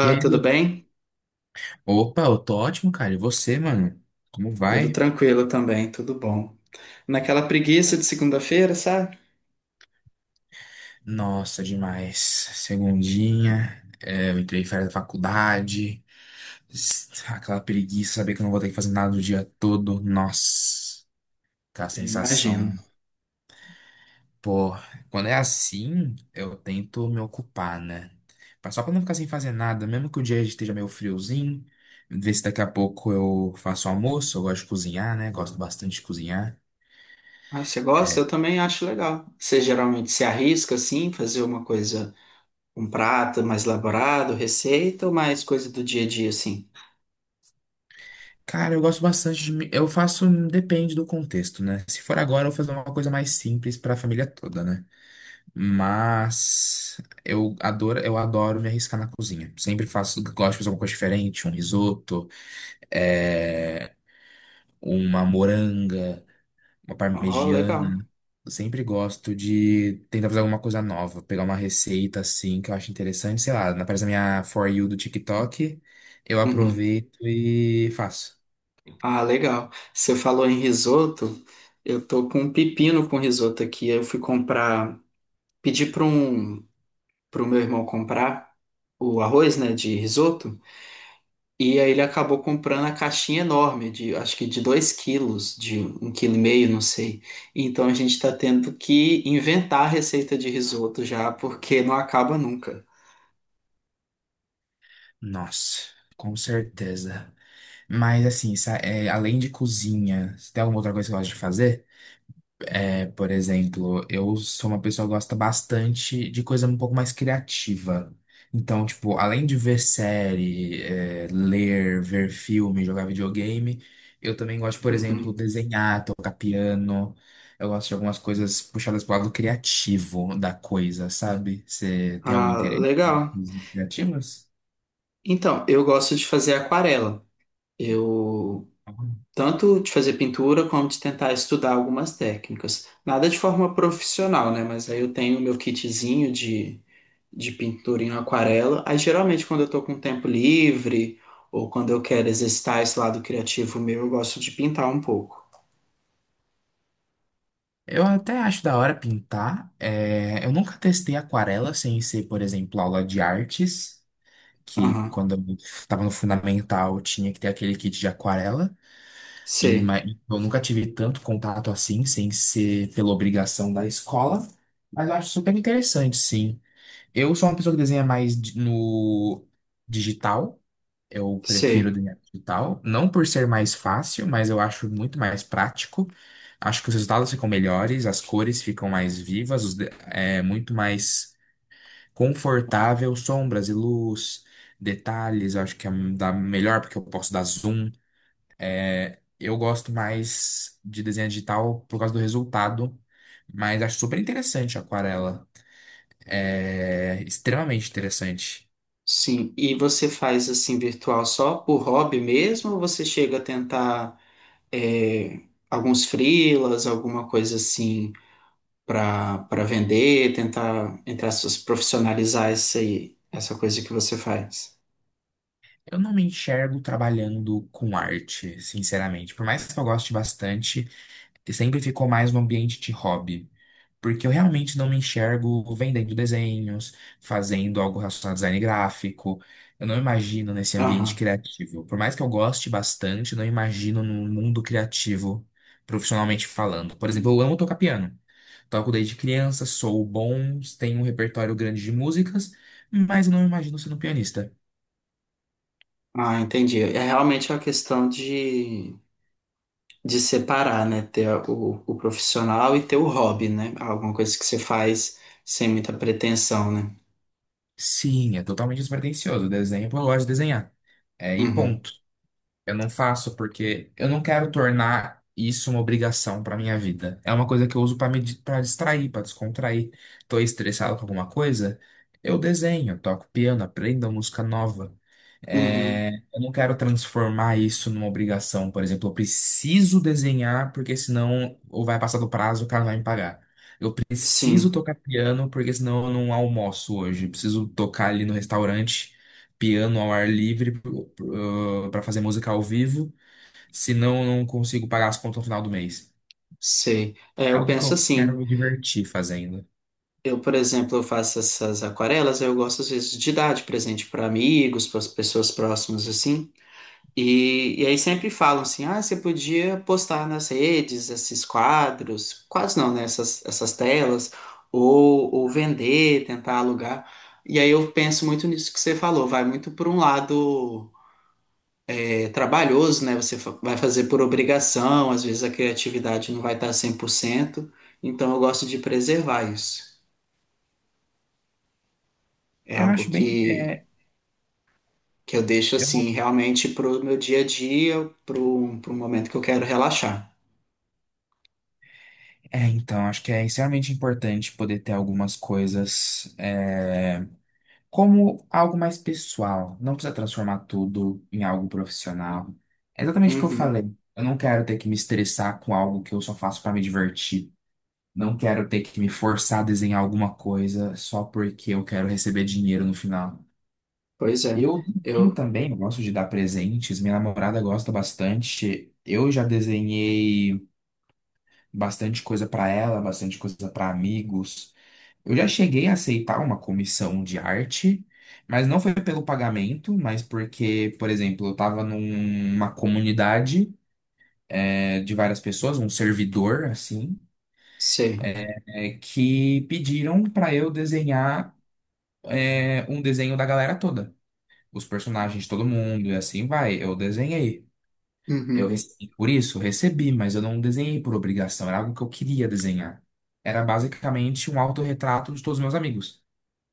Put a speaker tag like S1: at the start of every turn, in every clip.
S1: E aí,
S2: tudo
S1: meu-
S2: bem?
S1: Opa, eu tô ótimo, cara. E você, mano? Como
S2: Tudo
S1: vai?
S2: tranquilo também, tudo bom. Naquela preguiça de segunda-feira, sabe?
S1: Nossa, demais. Segundinha, eu entrei em férias da faculdade, aquela preguiça, saber que eu não vou ter que fazer nada o dia todo. Nossa, aquela
S2: Eu imagino.
S1: sensação. Pô, quando é assim, eu tento me ocupar, né? Mas só pra não ficar sem fazer nada, mesmo que o dia esteja meio friozinho, ver se daqui a pouco eu faço almoço. Eu gosto de cozinhar, né? Gosto bastante de cozinhar.
S2: Ah, você gosta? Eu também acho legal. Você geralmente se arrisca assim, fazer uma coisa, um prato mais elaborado, receita ou mais coisa do dia a dia assim?
S1: Cara, eu gosto bastante Eu faço. Depende do contexto, né? Se for agora, eu vou fazer uma coisa mais simples pra família toda, né? Mas eu adoro me arriscar na cozinha. Sempre faço, gosto de fazer alguma coisa diferente, um risoto, é, uma moranga, uma
S2: Oh, legal.
S1: parmegiana. Eu sempre gosto de tentar fazer alguma coisa nova, pegar uma receita assim que eu acho interessante, sei lá, aparece na minha For You do TikTok, eu
S2: Uhum.
S1: aproveito e faço.
S2: Ah, legal. Você falou em risoto. Eu tô com um pepino com risoto aqui. Eu fui comprar, pedi para um, para o meu irmão comprar o arroz, né, de risoto. E aí ele acabou comprando a caixinha enorme, de acho que de 2 quilos, de 1,5 quilo, não sei. Então a gente está tendo que inventar a receita de risoto já, porque não acaba nunca.
S1: Nossa, com certeza. Mas assim, além de cozinha, se tem alguma outra coisa que eu gosto de fazer? É, por exemplo, eu sou uma pessoa que gosta bastante de coisa um pouco mais criativa. Então, tipo, além de ver série, ler, ver filme, jogar videogame, eu também gosto, por exemplo,
S2: Uhum.
S1: desenhar, tocar piano. Eu gosto de algumas coisas puxadas pro lado criativo da coisa, sabe? Você tem algum
S2: Ah,
S1: interesse em
S2: legal.
S1: coisas
S2: E-
S1: criativas?
S2: Então, eu gosto de fazer aquarela. Eu tanto de fazer pintura como de tentar estudar algumas técnicas. Nada de forma profissional, né? Mas aí eu tenho o meu kitzinho de pintura em aquarela. Aí geralmente quando eu tô com tempo livre ou quando eu quero exercitar esse lado criativo meu, eu gosto de pintar um pouco.
S1: Eu até acho da hora pintar. É, eu nunca testei aquarela sem ser, por exemplo, aula de artes, que
S2: Aham.
S1: quando eu estava no fundamental tinha que ter aquele kit de aquarela. Em
S2: Sei,
S1: ma- Eu nunca tive tanto contato assim, sem ser pela obrigação da escola. Mas eu acho super interessante, sim. Eu sou uma pessoa que desenha no digital. Eu prefiro o
S2: sei.
S1: dinheiro digital, não por ser mais fácil, mas eu acho muito mais prático. Acho que os resultados ficam melhores, as cores ficam mais vivas, é muito mais confortável, sombras e luz, detalhes, eu acho que dá melhor porque eu posso dar zoom. Eu gosto mais de desenho digital por causa do resultado, mas acho super interessante a aquarela. É extremamente interessante.
S2: Sim. E você faz assim virtual só por hobby mesmo ou você chega a tentar é, alguns freelas, alguma coisa assim para vender, tentar entre aspas profissionalizar isso aí, essa coisa que você faz?
S1: Eu não me enxergo trabalhando com arte, sinceramente. Por mais que eu goste bastante, sempre ficou mais no ambiente de hobby. Porque eu realmente não me enxergo vendendo desenhos, fazendo algo relacionado a design gráfico. Eu não imagino nesse ambiente
S2: Aham.
S1: criativo. Por mais que eu goste bastante, não imagino num mundo criativo, profissionalmente falando. Por exemplo, eu amo tocar piano. Toco desde criança, sou bom, tenho um repertório grande de músicas, mas eu não me imagino sendo pianista.
S2: Ah, entendi. É realmente é uma questão de separar, né? Ter o profissional e ter o hobby, né? Alguma coisa que você faz sem muita pretensão, né?
S1: Sim, é totalmente despretensioso. Desenho, pô, eu gosto de desenhar. É, e
S2: Uhum,
S1: ponto. Eu não faço porque eu não quero tornar isso uma obrigação para minha vida. É uma coisa que eu uso para pra distrair, para descontrair. Tô estressado com alguma coisa, eu desenho, toco piano, aprendo uma música nova.
S2: uhum,
S1: É, eu não quero transformar isso numa obrigação. Por exemplo, eu preciso desenhar porque senão ou vai passar do prazo, o cara vai me pagar. Eu preciso
S2: sim,
S1: tocar piano porque senão eu não almoço hoje. Eu preciso tocar ali no restaurante, piano ao ar livre para fazer música ao vivo, senão eu não consigo pagar as contas no final do mês.
S2: sei. É,
S1: É
S2: eu
S1: algo que
S2: penso
S1: eu quero
S2: assim.
S1: me divertir fazendo.
S2: Eu, por exemplo, eu faço essas aquarelas, eu gosto às vezes de dar de presente para amigos, para as pessoas próximas, assim. E aí sempre falam assim, ah, você podia postar nas redes esses quadros, quase não, né? Essas telas, ou vender, tentar alugar. E aí eu penso muito nisso que você falou, vai muito por um lado trabalhoso, né? Vai fazer por obrigação, às vezes a criatividade não vai estar 100%. Então eu gosto de preservar isso. É
S1: Eu
S2: algo
S1: acho bem. É,
S2: que eu deixo
S1: é bom.
S2: assim, realmente pro meu dia a dia, pro momento que eu quero relaxar.
S1: É, então, acho que é extremamente importante poder ter algumas coisas. Como algo mais pessoal. Não precisa transformar tudo em algo profissional. É exatamente o que eu
S2: Uhum.
S1: falei. Eu não quero ter que me estressar com algo que eu só faço para me divertir. Não quero ter que me forçar a desenhar alguma coisa só porque eu quero receber dinheiro no final.
S2: Pois é,
S1: Eu desenho
S2: eu
S1: também, eu gosto de dar presentes. Minha namorada gosta bastante. Eu já desenhei bastante coisa para ela, bastante coisa para amigos. Eu já cheguei a aceitar uma comissão de arte, mas não foi pelo pagamento, mas porque, por exemplo, eu estava numa comunidade, de várias pessoas, um servidor, assim,
S2: sei.
S1: que pediram para eu desenhar, um desenho da galera toda, os personagens de todo mundo, e assim vai. Eu desenhei. Eu
S2: Uhum.
S1: recebi por isso, recebi, mas eu não desenhei por obrigação, era algo que eu queria desenhar. Era basicamente um autorretrato de todos os meus amigos.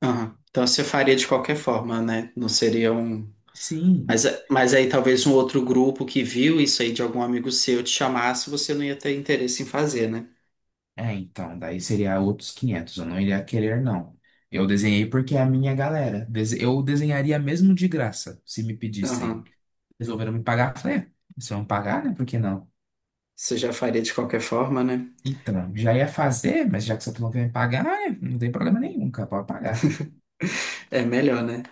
S2: Aham. Então você faria de qualquer forma, né? Não seria um.
S1: Sim.
S2: Mas, é, mas aí talvez um outro grupo que viu isso aí de algum amigo seu te chamasse, você não ia ter interesse em fazer, né?
S1: É, então, daí seria outros 500, eu não iria querer, não. Eu desenhei porque é a minha galera. Eu desenharia mesmo de graça, se me
S2: Aham.
S1: pedissem. Resolveram me pagar, eu falei, "É, se vão pagar, né? Por que não?
S2: Você já faria de qualquer forma, né?
S1: Então, já ia fazer, mas já que você não quer me pagar, não tem problema nenhum, cara, pode pagar.
S2: É melhor, né?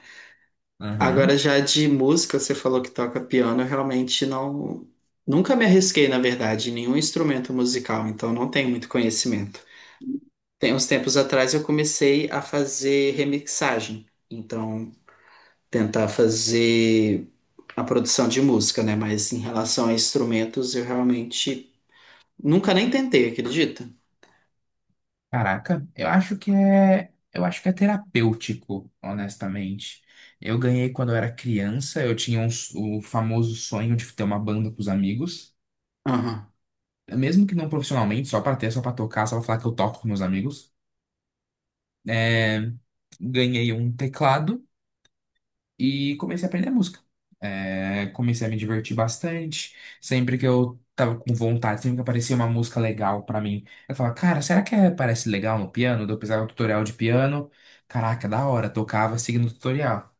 S1: Aham."
S2: Agora já de música, você falou que toca piano, eu realmente não. Nunca me arrisquei, na verdade, em nenhum instrumento musical, então não tenho muito conhecimento. Tem uns tempos atrás eu comecei a fazer remixagem. Então, tentar fazer a produção de música, né? Mas em relação a instrumentos, eu realmente nunca nem tentei, acredita?
S1: Caraca, eu acho que é terapêutico, honestamente. Eu ganhei quando eu era criança, eu tinha o famoso sonho de ter uma banda com os amigos,
S2: Aham,
S1: mesmo que não profissionalmente, só pra ter, só pra tocar, só pra falar que eu toco com meus amigos, é, ganhei um teclado e comecei a aprender música. É, comecei a me divertir bastante. Sempre que eu tava com vontade, sempre que aparecia uma música legal pra mim, eu falava, cara, parece legal no piano? Daí eu precisava de um tutorial de piano. Caraca, da hora, tocava seguindo o tutorial.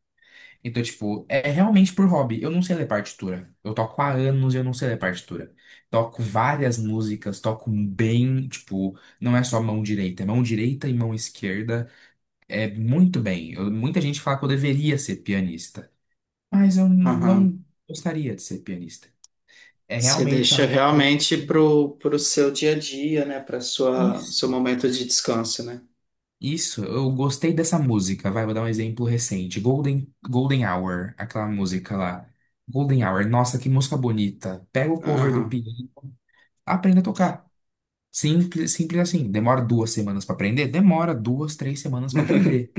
S1: Então, tipo, é realmente por hobby. Eu não sei ler partitura. Eu toco há anos e eu não sei ler partitura. Toco várias músicas, toco bem, tipo, não é só mão direita, é mão direita e mão esquerda. É muito bem. Eu- muita gente fala que eu deveria ser pianista, mas eu
S2: aham.
S1: não gostaria de ser pianista. É
S2: Você
S1: realmente
S2: deixa
S1: algo que eu.
S2: realmente pro seu dia a dia, né? Para sua seu
S1: Isso.
S2: momento de descanso, né?
S1: Isso, eu gostei dessa música. Vai, vou dar um exemplo recente. Golden Hour, aquela música lá. Golden Hour, nossa, que música bonita. Pega o cover do
S2: Aham.
S1: piano, aprenda a tocar. Simples, simples assim. Demora 2 semanas pra aprender? Demora 2, 3 semanas pra aprender.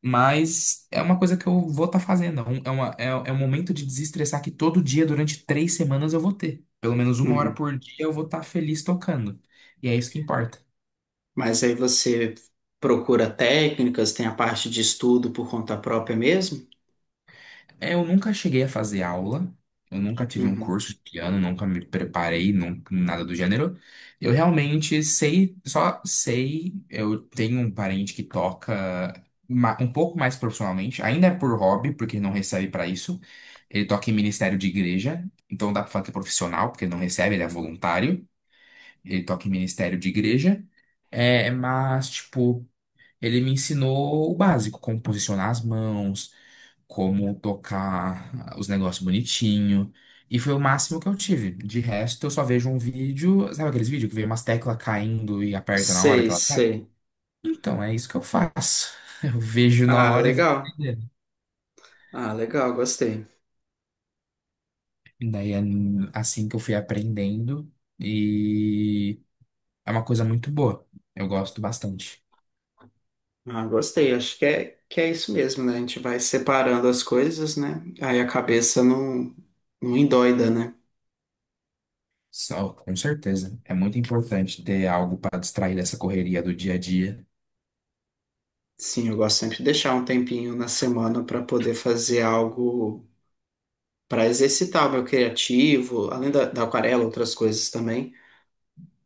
S1: Mas é uma coisa que eu vou estar fazendo. É um momento de desestressar que todo dia, durante 3 semanas, eu vou ter. Pelo menos uma hora
S2: Uhum.
S1: por dia eu vou estar feliz tocando. E é isso que importa.
S2: Mas aí você procura técnicas, tem a parte de estudo por conta própria mesmo?
S1: É, eu nunca cheguei a fazer aula, eu nunca tive um
S2: Uhum.
S1: curso de piano, nunca me preparei, nada do gênero. Eu realmente sei, só sei, eu tenho um parente que toca um pouco mais profissionalmente, ainda é por hobby, porque não recebe pra isso. Ele toca em ministério de igreja, então dá pra falar que é profissional, porque não recebe, ele é voluntário. Ele toca em ministério de igreja, mas, tipo, ele me ensinou o básico, como posicionar as mãos, como tocar os negócios bonitinho. E foi o máximo que eu tive. De resto, eu só vejo um vídeo. Sabe aqueles vídeos que vê umas teclas caindo e aperta na hora
S2: Sei,
S1: que ela cai?
S2: sei.
S1: Então, é isso que eu faço. Eu vejo na
S2: Ah,
S1: hora e vou
S2: legal.
S1: aprendendo.
S2: Ah, legal, gostei.
S1: Daí é assim que eu fui aprendendo. E é uma coisa muito boa. Eu gosto bastante.
S2: Ah, gostei. Acho que é isso mesmo, né? A gente vai separando as coisas, né? Aí a cabeça não, não endoida, né?
S1: Só, com certeza. É muito importante ter algo para distrair dessa correria do dia a dia.
S2: Sim, eu gosto sempre de deixar um tempinho na semana para poder fazer algo para exercitar o meu criativo, além da aquarela, outras coisas também,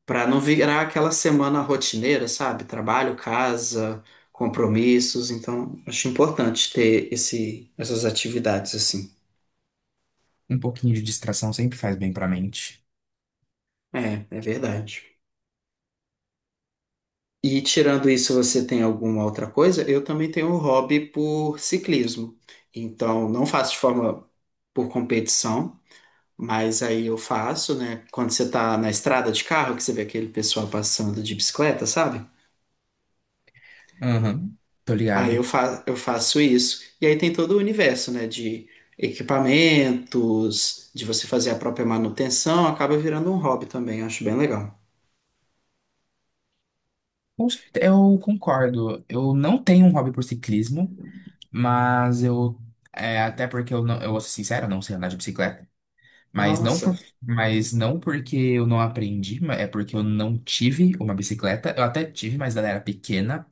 S2: para não virar aquela semana rotineira, sabe? Trabalho, casa, compromissos. Então, acho importante ter essas atividades assim.
S1: Um pouquinho de distração sempre faz bem para a mente.
S2: É, é verdade. E tirando isso, você tem alguma outra coisa? Eu também tenho um hobby por ciclismo. Então, não faço de forma por competição, mas aí eu faço, né? Quando você tá na estrada de carro, que você vê aquele pessoal passando de bicicleta, sabe?
S1: Aham, tô
S2: Aí
S1: ligado.
S2: eu faço isso. E aí tem todo o universo, né? De equipamentos, de você fazer a própria manutenção, acaba virando um hobby também. Eu acho bem legal.
S1: Eu concordo. Eu não tenho um hobby por ciclismo, mas até porque eu não, eu vou ser sincero, eu não sei andar de bicicleta, mas
S2: Nossa.
S1: mas não porque eu não aprendi, é porque eu não tive uma bicicleta. Eu até tive, mas ela era pequena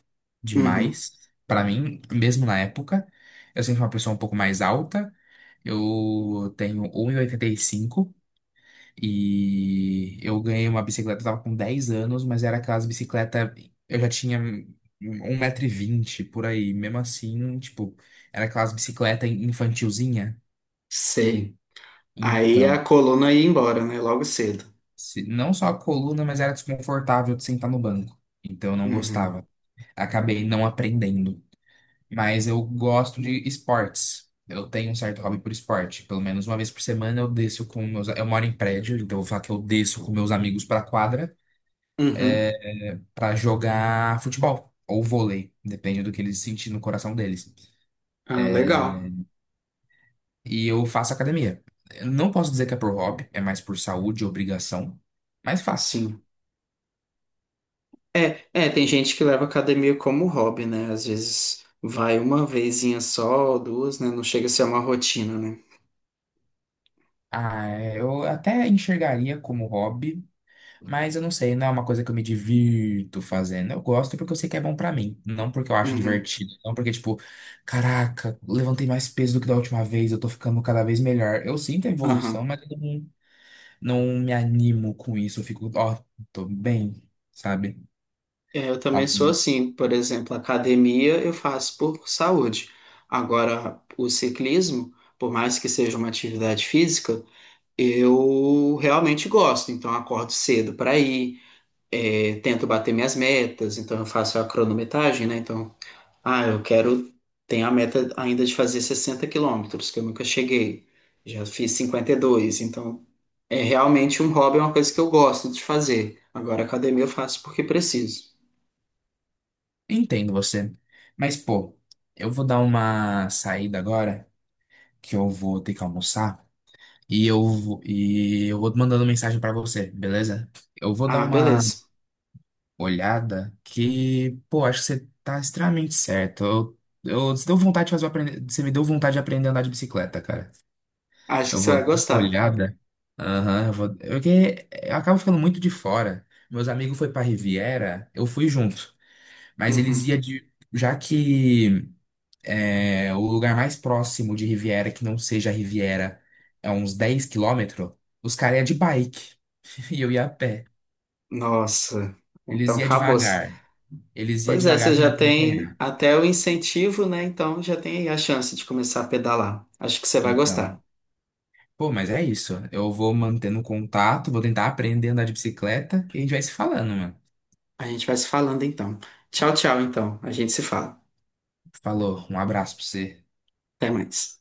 S2: Uhum.
S1: demais pra mim, mesmo na época. Eu sempre fui uma pessoa um pouco mais alta. Eu tenho 1,85 m e eu ganhei uma bicicleta, eu tava com 10 anos, mas era aquelas bicicleta, eu já tinha 1,20 m por aí, mesmo assim, tipo, era aquelas bicicleta infantilzinha.
S2: Sei. Aí a
S1: Então,
S2: coluna ia embora, né? Logo cedo.
S1: não só a coluna, mas era desconfortável de sentar no banco. Então eu não
S2: Uhum.
S1: gostava. Acabei não aprendendo. Mas eu gosto de esportes. Eu tenho um certo hobby por esporte. Pelo menos uma vez por semana eu desço com meus. Eu moro em prédio, então eu vou falar que eu desço com meus amigos pra quadra.
S2: Uhum.
S1: É, para jogar futebol ou vôlei, depende do que eles sentirem no coração deles.
S2: Ah, legal.
S1: E eu faço academia. Eu não posso dizer que é por hobby, é mais por saúde e obrigação, mas faço.
S2: Sim. É, é, tem gente que leva academia como hobby, né? Às vezes vai uma vezinha só, ou duas, né? Não chega a ser uma rotina, né?
S1: Ah, eu até enxergaria como hobby, mas eu não sei, não é uma coisa que eu me divirto fazendo. Eu gosto porque eu sei que é bom pra mim, não porque eu acho
S2: Uhum.
S1: divertido, não porque, tipo, caraca, levantei mais peso do que da última vez, eu tô ficando cada vez melhor. Eu sinto a evolução,
S2: Aham.
S1: mas eu não. Não me animo com isso, eu fico, ó, tô bem, sabe?
S2: É, eu
S1: Tá,
S2: também sou
S1: bom.
S2: assim. Por exemplo, academia eu faço por saúde. Agora, o ciclismo, por mais que seja uma atividade física, eu realmente gosto. Então, eu acordo cedo para ir, é, tento bater minhas metas. Então, eu faço a cronometragem, né? Então, Ah, eu quero. Tenho a meta ainda de fazer 60 quilômetros, que eu nunca cheguei. Já fiz 52, então é realmente um hobby, é uma coisa que eu gosto de fazer. Agora, academia eu faço porque preciso.
S1: Entendo você. Mas, pô, eu vou dar uma saída agora, que eu vou ter que almoçar, e eu vou mandando mensagem pra você, beleza? Eu vou dar
S2: Ah,
S1: uma
S2: beleza.
S1: olhada que, pô, acho que você tá extremamente certo. Você deu vontade de fazer eu aprender, você me deu vontade de aprender a andar de bicicleta, cara.
S2: Acho que
S1: Eu
S2: você
S1: vou
S2: vai
S1: dar uma
S2: gostar.
S1: olhada. Aham, eu vou. Porque eu acabo ficando muito de fora. Meus amigos foi pra Riviera, eu fui junto. Mas eles
S2: Uhum.
S1: iam de. Já que o lugar mais próximo de Riviera, que não seja Riviera, é uns 10 km, os caras iam de bike. E eu ia a pé.
S2: Nossa,
S1: Eles
S2: então
S1: iam
S2: acabou.
S1: devagar. Eles iam
S2: Pois é, você
S1: devagar pra me
S2: já tem
S1: acompanhar.
S2: até o incentivo, né? Então já tem aí a chance de começar a pedalar. Acho que você vai
S1: Então.
S2: gostar.
S1: Pô, mas é isso. Eu vou mantendo contato, vou tentar aprender a andar de bicicleta e a gente vai se falando, mano.
S2: A gente vai se falando então. Tchau, tchau, então. A gente se fala.
S1: Falou, um abraço pra você.
S2: Até mais.